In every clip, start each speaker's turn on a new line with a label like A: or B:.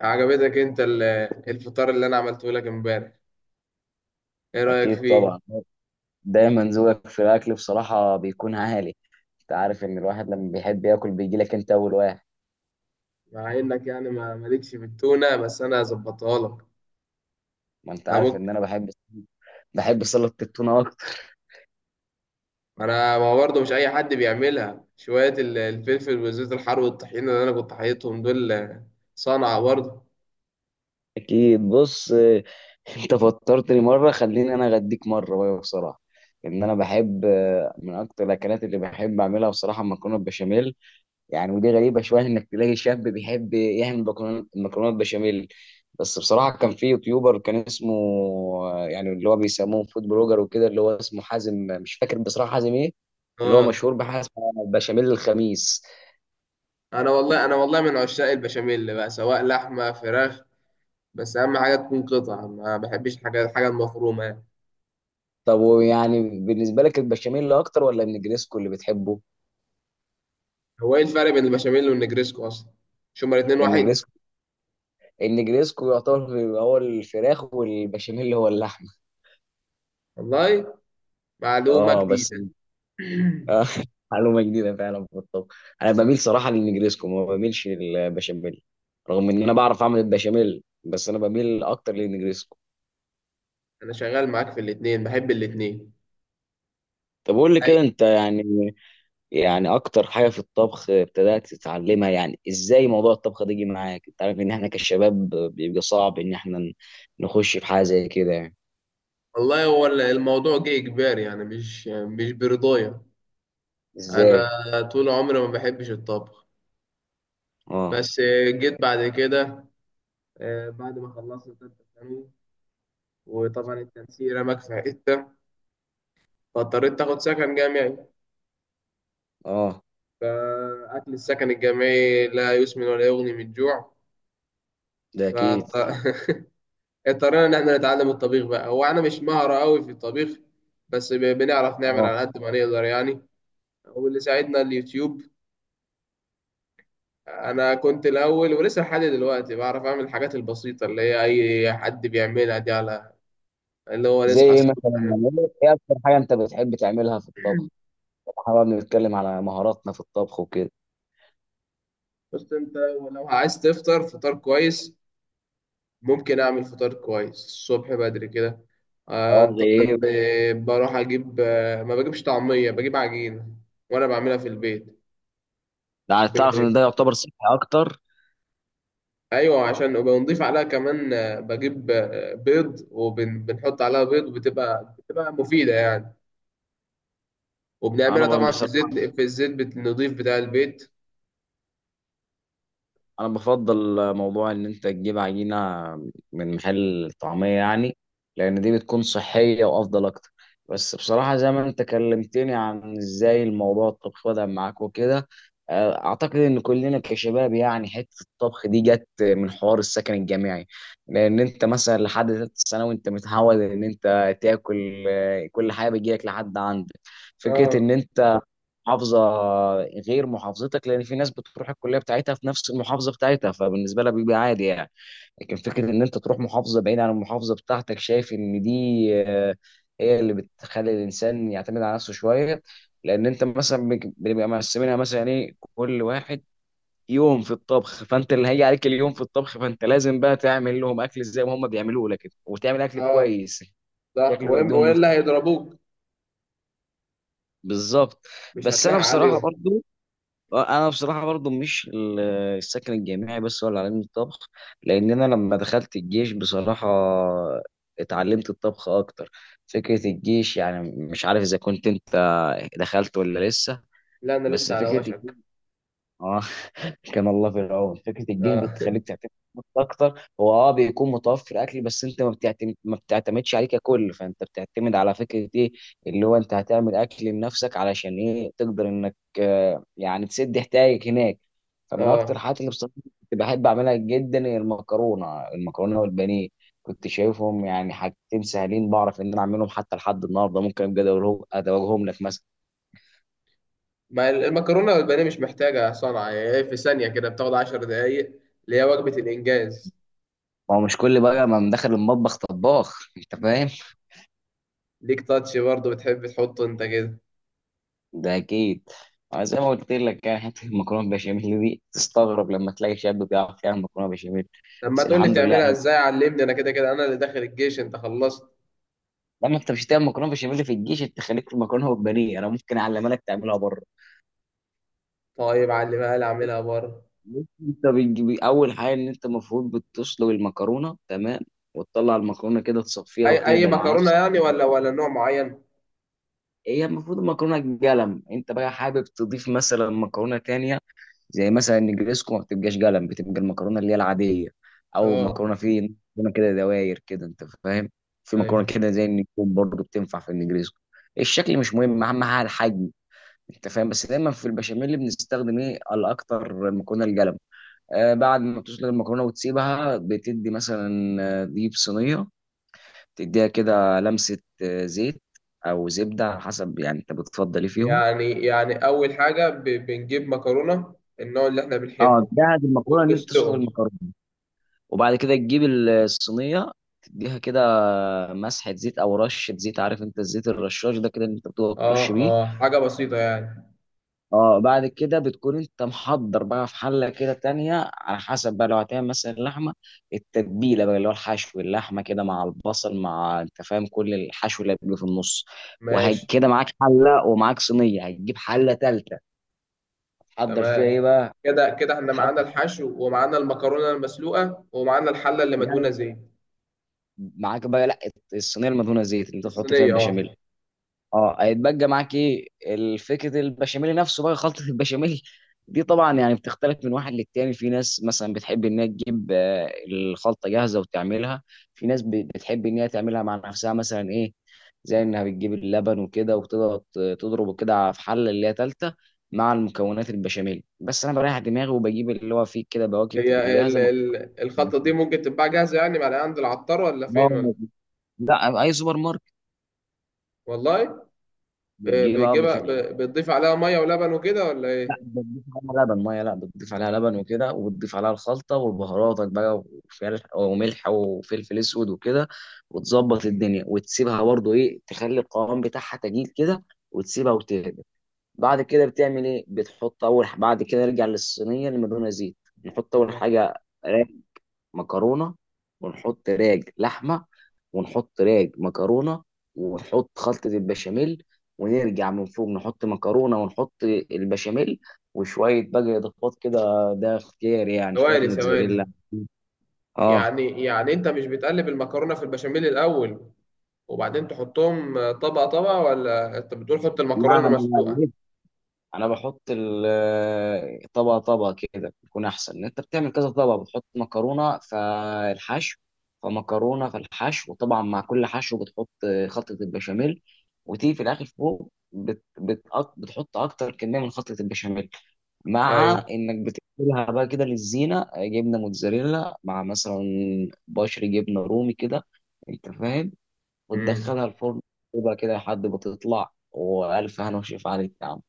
A: عجبتك انت الفطار اللي انا عملته لك امبارح. ايه رأيك
B: أكيد
A: فيه؟
B: طبعا. دايما ذوقك في الأكل بصراحة بيكون عالي. أنت عارف إن الواحد لما بيحب ياكل بيجي لك أنت أول واحد.
A: مع انك يعني ما مالكش في التونة، بس انا ظبطها لك.
B: ما أنت
A: انا
B: عارف
A: ممكن.
B: إن أنا بحب، بحب سلطة التونة أكتر.
A: انا ما هو برضه مش اي حد بيعملها. شوية الفلفل والزيت الحار والطحينة اللي انا كنت حاططهم دول، صنعة برضه.
B: أكيد بص. أنت فطرتني مرة، خليني أنا أغديك مرة بقى. بصراحة إن أنا بحب، من أكتر الأكلات اللي بحب أعملها بصراحة المكرونة البشاميل. يعني ودي غريبة شوية إنك تلاقي شاب بيحب يعمل مكرونات بشاميل. بس بصراحة كان في يوتيوبر كان اسمه، يعني اللي هو بيسموه فود بلوجر وكده، اللي هو اسمه حازم. مش فاكر بصراحة حازم إيه، اللي هو
A: اه.
B: مشهور بحاجة اسمها بشاميل الخميس.
A: انا والله من عشاق البشاميل بقى، سواء لحمة، فراخ، بس اهم حاجة تكون قطع. ما بحبش الحاجة المفرومة يعني.
B: طب ويعني بالنسبة لك البشاميل أكتر ولا النجريسكو اللي بتحبه؟
A: هو ايه الفرق بين البشاميل والنجريسكو اصلا؟ مش هما الاتنين واحد؟
B: النجريسكو، النجريسكو يعتبر هو الفراخ، والبشاميل هو اللحمة.
A: والله، معلومة
B: اه بس.
A: جديدة.
B: آه، معلومة جديدة فعلا في الطبخ. أنا بميل صراحة للنجريسكو، ما بميلش للبشاميل. رغم إن أنا بعرف أعمل البشاميل، بس أنا بميل أكتر للنجريسكو.
A: انا شغال معاك في الاتنين، بحب الاتنين.
B: طب قول لي
A: اي.
B: كده أنت، يعني يعني أكتر حاجة في الطبخ ابتدأت تتعلمها، يعني إزاي موضوع الطبخ ده جه معاك؟ أنت عارف إن إحنا كشباب بيبقى صعب إن إحنا نخش في حاجة زي كده يعني.
A: والله، هو الموضوع جه اجباري يعني، مش برضايا.
B: إزاي؟
A: انا طول عمري ما بحبش الطبخ.
B: آه
A: بس جيت بعد كده، بعد ما خلصت تالتة ثانوي وطبعا التنسيق رماك في حتة، فاضطريت تاخد سكن جامعي.
B: آه.
A: فأكل السكن الجامعي لا يسمن ولا يغني من الجوع.
B: ده أكيد.
A: فاضطرينا إن احنا نتعلم الطبيخ بقى. هو أنا مش مهرة أوي في الطبيخ، بس بنعرف نعمل
B: آه،
A: على قد ما نقدر يعني. واللي ساعدنا اليوتيوب. انا كنت الاول ولسه لحد دلوقتي بعرف اعمل الحاجات البسيطه، اللي هي اي حد بيعملها دي، على اللي هو
B: زي
A: نصحى
B: إيه مثلا؟
A: الصبح.
B: يعني إيه أكتر حاجة أنت بتحب تعملها في الطبخ؟ احنا بقى بنتكلم على مهاراتنا في الطبخ وكده.
A: بس انت لو عايز تفطر فطار كويس، ممكن اعمل فطار كويس الصبح بدري كده.
B: اه زي
A: طبعا
B: ايه.
A: بروح اجيب، ما بجيبش طعميه، بجيب عجينه وانا بعملها في البيت.
B: ده عايز
A: ب-
B: تعرف ان ده يعتبر صحي اكتر.
A: ايوه، عشان وبنضيف عليها كمان، بجيب بيض، وبنحط عليها بيض، وبتبقى مفيده يعني. وبنعملها
B: انا
A: طبعا في
B: بصراحه،
A: الزيت في الزيت النظيف بتاع البيت.
B: انا بفضل موضوع ان انت تجيب عجينه من محل طعميه يعني، لان دي بتكون صحيه وافضل اكتر. بس بصراحه زي ما انت كلمتني عن ازاي الموضوع الطبخ بدا معاك وكده، اعتقد ان كلنا كشباب يعني حته الطبخ دي جت من حوار السكن الجامعي. لان انت مثلا لحد ثالثه ثانوي انت متعود ان انت تاكل، كل حاجه بتجيلك لحد عندك. فكره
A: اه،
B: ان انت محافظه غير محافظتك، لان في ناس بتروح الكليه بتاعتها في نفس المحافظه بتاعتها فبالنسبه لها بيبقى عادي يعني. لكن فكره ان انت تروح محافظه بعيده عن المحافظه بتاعتك، شايف ان دي آه، هي اللي بتخلي الانسان يعتمد على نفسه شويه. لان انت مثلا بنبقى مقسمينها مثلا ايه، كل واحد يوم في الطبخ، فانت اللي هيجي عليك اليوم في الطبخ فانت لازم بقى تعمل لهم اكل زي ما هم بيعملوه لك وتعمل اكل
A: اه،
B: كويس.
A: صح.
B: شكله يوديهم
A: والا
B: مستشفى.
A: هيضربوك.
B: بالظبط.
A: مش
B: بس انا
A: هتلاقي
B: بصراحه
A: عليهم.
B: برضو، انا بصراحه برضو مش ال- السكن الجامعي بس ولا علم الطبخ، لان انا لما دخلت الجيش بصراحه اتعلمت الطبخ اكتر. فكره الجيش يعني، مش عارف اذا كنت انت دخلت ولا لسه.
A: لا، انا
B: بس
A: لسه على
B: فكره،
A: وشك.
B: اه، كان الله في العون. فكره الجيل
A: اه.
B: بتخليك تعتمد على نفسك اكتر. هو اه بيكون متوفر اكل، بس انت ما بتعتمد، ما بتعتمدش عليه ككل. فانت بتعتمد على فكره ايه، اللي هو انت هتعمل اكل لنفسك علشان ايه تقدر انك يعني تسد احتياجك هناك. فمن اكتر
A: اه.
B: الحاجات اللي بصراحه كنت بحب اعملها جدا هي المكرونه المكرونه والبانيه. كنت شايفهم يعني حاجتين سهلين بعرف ان انا اعملهم، حتى لحد النهارده ممكن ابقى ادوقهم ادوقهم لك مثلا.
A: ما المكرونه والبانيه مش محتاجه صنعه. هي إيه، في ثانيه كده، بتاخد 10 دقايق، اللي هي وجبه الانجاز.
B: ما هو مش كل بقى ما مدخل المطبخ طباخ. انت فاهم؟
A: ليك تاتش برضه، بتحب تحطه انت كده.
B: ده اكيد. أنا زي ما قلت لك، يعني حته المكرونه بشاميل دي تستغرب لما تلاقي شاب بيعرف يعمل مكرونه بشاميل.
A: لما
B: بس
A: تقول لي
B: الحمد
A: بتعملها
B: لله.
A: ازاي، علمني. انا كده كده انا اللي داخل الجيش، انت خلصت.
B: لما انت مش هتعمل مكرونه بشاميل في الجيش، انت خليك في المكرونه والبانيه. انا ممكن اعلمها لك تعملها بره.
A: طيب علمها لي، اعملها بره.
B: انت بتجيب اول حاجه ان انت المفروض بتسلق المكرونه تمام، وتطلع المكرونه كده تصفيها
A: اي
B: وتهدى مع
A: مكرونه
B: نفسك.
A: يعني، ولا نوع معين؟
B: هي المفروض المكرونه قلم. انت بقى حابب تضيف مثلا مكرونه تانية، زي مثلا النجريسكو ما بتبقاش قلم، بتبقى المكرونه اللي هي العاديه. او
A: اه.
B: مكرونه في مكرونه كده دواير كده، انت فاهم؟ في مكرونه
A: ايوه.
B: كده زي النجوم برضه بتنفع في النجريسكو. الشكل مش مهم، اهم حاجه الحجم، انت فاهم؟ بس دايما في البشاميل بنستخدم ايه الاكتر؟ المكرونه القلم. آه، بعد ما تسلق المكرونه وتسيبها، بتدي مثلا ديب صينيه، تديها كده لمسه زيت او زبده على حسب، يعني انت بتفضل ايه فيهم.
A: يعني أول حاجة، بنجيب مكرونة النوع اللي إحنا
B: اه،
A: بنحبه،
B: تجهز المكرونه ان انت تسلق
A: وبنسلقه.
B: المكرونه، وبعد كده تجيب الصينيه تديها كده مسحه زيت او رشه زيت، عارف انت الزيت الرشاش ده كده اللي انت بتقعد ترش
A: آه،
B: بيه.
A: آه، حاجة بسيطة يعني.
B: اه، بعد كده بتكون انت محضر بقى في حله كده تانية، على حسب بقى لو هتعمل مثلا لحمه، التتبيله بقى اللي هو الحشو، اللحمه كده مع البصل مع انت فاهم كل الحشو اللي بيبقى في النص.
A: ماشي.
B: وكده معاك حله ومعاك صينيه. هتجيب حله تالته، هتحضر فيها
A: تمام.
B: ايه بقى؟
A: كده كده إحنا
B: هتحضر
A: معانا الحشو، ومعانا المكرونة المسلوقة، ومعانا الحلة اللي مدهونة
B: يعني
A: زيت.
B: معاك بقى لا، الصينيه المدهونه زيت اللي انت تحط فيها
A: الصينية،
B: البشاميل.
A: آه.
B: اه، هيتبقى معاك ايه؟ الفكره البشاميل نفسه بقى، خلطه البشاميل دي طبعا يعني بتختلف من واحد للتاني. في ناس مثلا بتحب ان هي تجيب الخلطه جاهزه وتعملها. في ناس بتحب ان هي تعملها مع نفسها، مثلا ايه؟ زي انها بتجيب اللبن وكده وتقعد تضربه كده في حله اللي هي تالته مع المكونات البشاميل. بس انا بريح دماغي وبجيب اللي هو فيه كده بواكب، تبقى
A: هي ال
B: جاهزه مكتوبة.
A: ال الخلطة دي ممكن تتباع جاهزة يعني؟ معلقة عند العطار ولا
B: اه.
A: فين ولا؟
B: لا، اي سوبر ماركت
A: والله.
B: بتجيبها.
A: بتجيبها، بتضيف عليها مية ولبن وكده ولا
B: لا،
A: إيه؟
B: بتضيف عليها لبن ميه، لا بتضيف عليها لبن وكده، وبتضيف عليها الخلطه وبهاراتك بقى، وفلفل وملح وفلفل اسود وكده، وتظبط الدنيا وتسيبها برضو ايه تخلي القوام بتاعها تجيل كده، وتسيبها وتهدى. بعد كده بتعمل ايه؟ بتحط اول بعد كده نرجع للصينيه اللي مدهونه زيت، نحط اول
A: آه.
B: حاجه مكرونه، ونحط راج لحمه، ونحط راج مكرونه، ونحط خلطه البشاميل، ونرجع من فوق نحط مكرونه، ونحط البشاميل، وشويه بقى اضافات كده، ده اختيار يعني، شويه
A: ثواني،
B: موتزاريلا.
A: ثواني.
B: اه،
A: يعني أنت مش بتقلب المكرونة في البشاميل الأول وبعدين تحطهم، طبقة طبقة، ولا انت بتقول حط
B: لا،
A: المكرونة
B: انا
A: مسلوقة؟
B: انا بحط طبقه طبقه كده، بيكون احسن ان انت بتعمل كذا طبقه، بتحط مكرونه فالحشو فمكرونه فالحشو، وطبعا مع كل حشو بتحط خلطه البشاميل، وتيجي في الاخر فوق بت بت بتحط اكتر كميه من خلطه البشاميل، مع
A: ايوه.
B: انك بتقلبها بقى كده للزينه، جبنه موتزاريلا مع مثلا بشر جبنه رومي كده، انت فاهم؟
A: امم.
B: وتدخلها الفرن، تبقى كده لحد ما تطلع والف هنا وشفا عليك يا عم.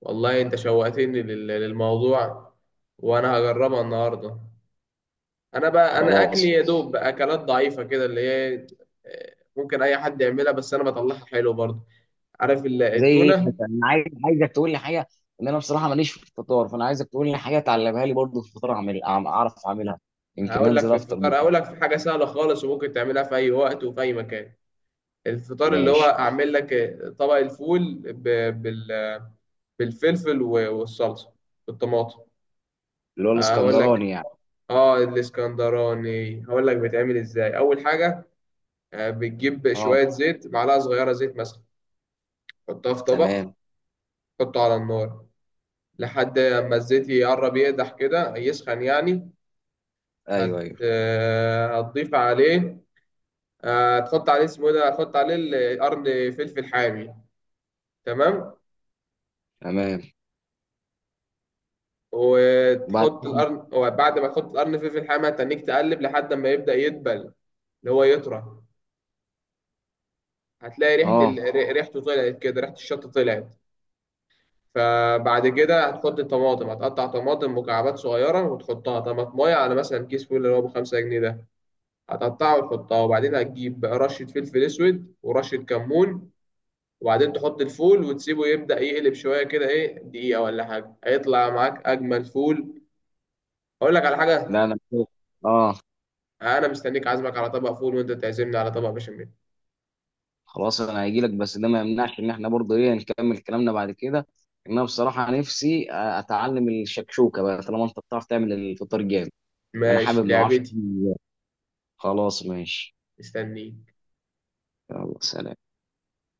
A: والله، انت شوقتني للموضوع، وانا هجربها النهارده. انا
B: خلاص.
A: اكلي يا دوب اكلات ضعيفة كده، اللي هي، ممكن اي حد يعملها، بس انا بطلعها حلو برضه. عارف
B: زي ايه
A: التونة؟
B: مثلا؟ انا عايز عايزك تقول لي حاجه، ان انا بصراحه ماليش في الفطار، فانا عايزك تقول لي حاجه تعلمها لي برضه في الفطار، اعمل اعرف اعملها، يمكن
A: هقول لك
B: انزل
A: في
B: افطر
A: الفطار،
B: بيه.
A: هقول لك في حاجة سهلة خالص وممكن تعملها في اي وقت وفي اي مكان. الفطار اللي هو،
B: ماشي.
A: اعمل لك طبق الفول بالفلفل والصلصة بالطماطم.
B: اللي هو
A: هقول الاسكندر لك.
B: الاسكندراني يعني.
A: اه، الاسكندراني. هقول لك بيتعمل ازاي. اول حاجه، بتجيب
B: اه.
A: شويه زيت، معلقه صغيره زيت مثلا، حطها في طبق،
B: تمام.
A: حطه على النار لحد ما الزيت يقرب يقدح كده، يسخن يعني.
B: ايوه
A: هت
B: ايوه.
A: آه، هتضيف عليه، هتحط عليه، اسمه إيه ده، هتحط عليه قرن فلفل حامي. تمام.
B: تمام. وبعد
A: وتحط
B: كده
A: القرن، وبعد ما تحط القرن فلفل حامي، هتنيك تقلب لحد ما يبدأ يدبل، اللي هو يطرى. هتلاقي ريحة
B: اه.
A: ريحته طلعت كده، ريحة الشطة طلعت. فبعد كده هتحط الطماطم، هتقطع طماطم مكعبات صغيرة وتحطها طماطماية، على مثلا كيس فول اللي هو ب5 جنيه ده، هتقطعه وتحطها. وبعدين هتجيب بقى رشة فلفل أسود ورشة كمون، وبعدين تحط الفول وتسيبه يبدأ يقلب شوية كده، إيه، دقيقة ولا حاجة، هيطلع معاك أجمل فول. أقول لك على
B: لا،
A: حاجة،
B: انا كده. اه،
A: أنا مستنيك، عازمك على طبق فول وأنت تعزمني على طبق بشاميل.
B: خلاص. انا هيجي لك، بس ده ما يمنعش ان احنا برضه ايه نكمل كلامنا بعد كده، ان انا بصراحه نفسي اتعلم الشكشوكه بقى، طالما انت بتعرف تعمل الفطار جامد. انا
A: ماشي،
B: حابب ما اعرفش.
A: لعبتي.
B: خلاص ماشي.
A: مستنيك.
B: يلا سلام.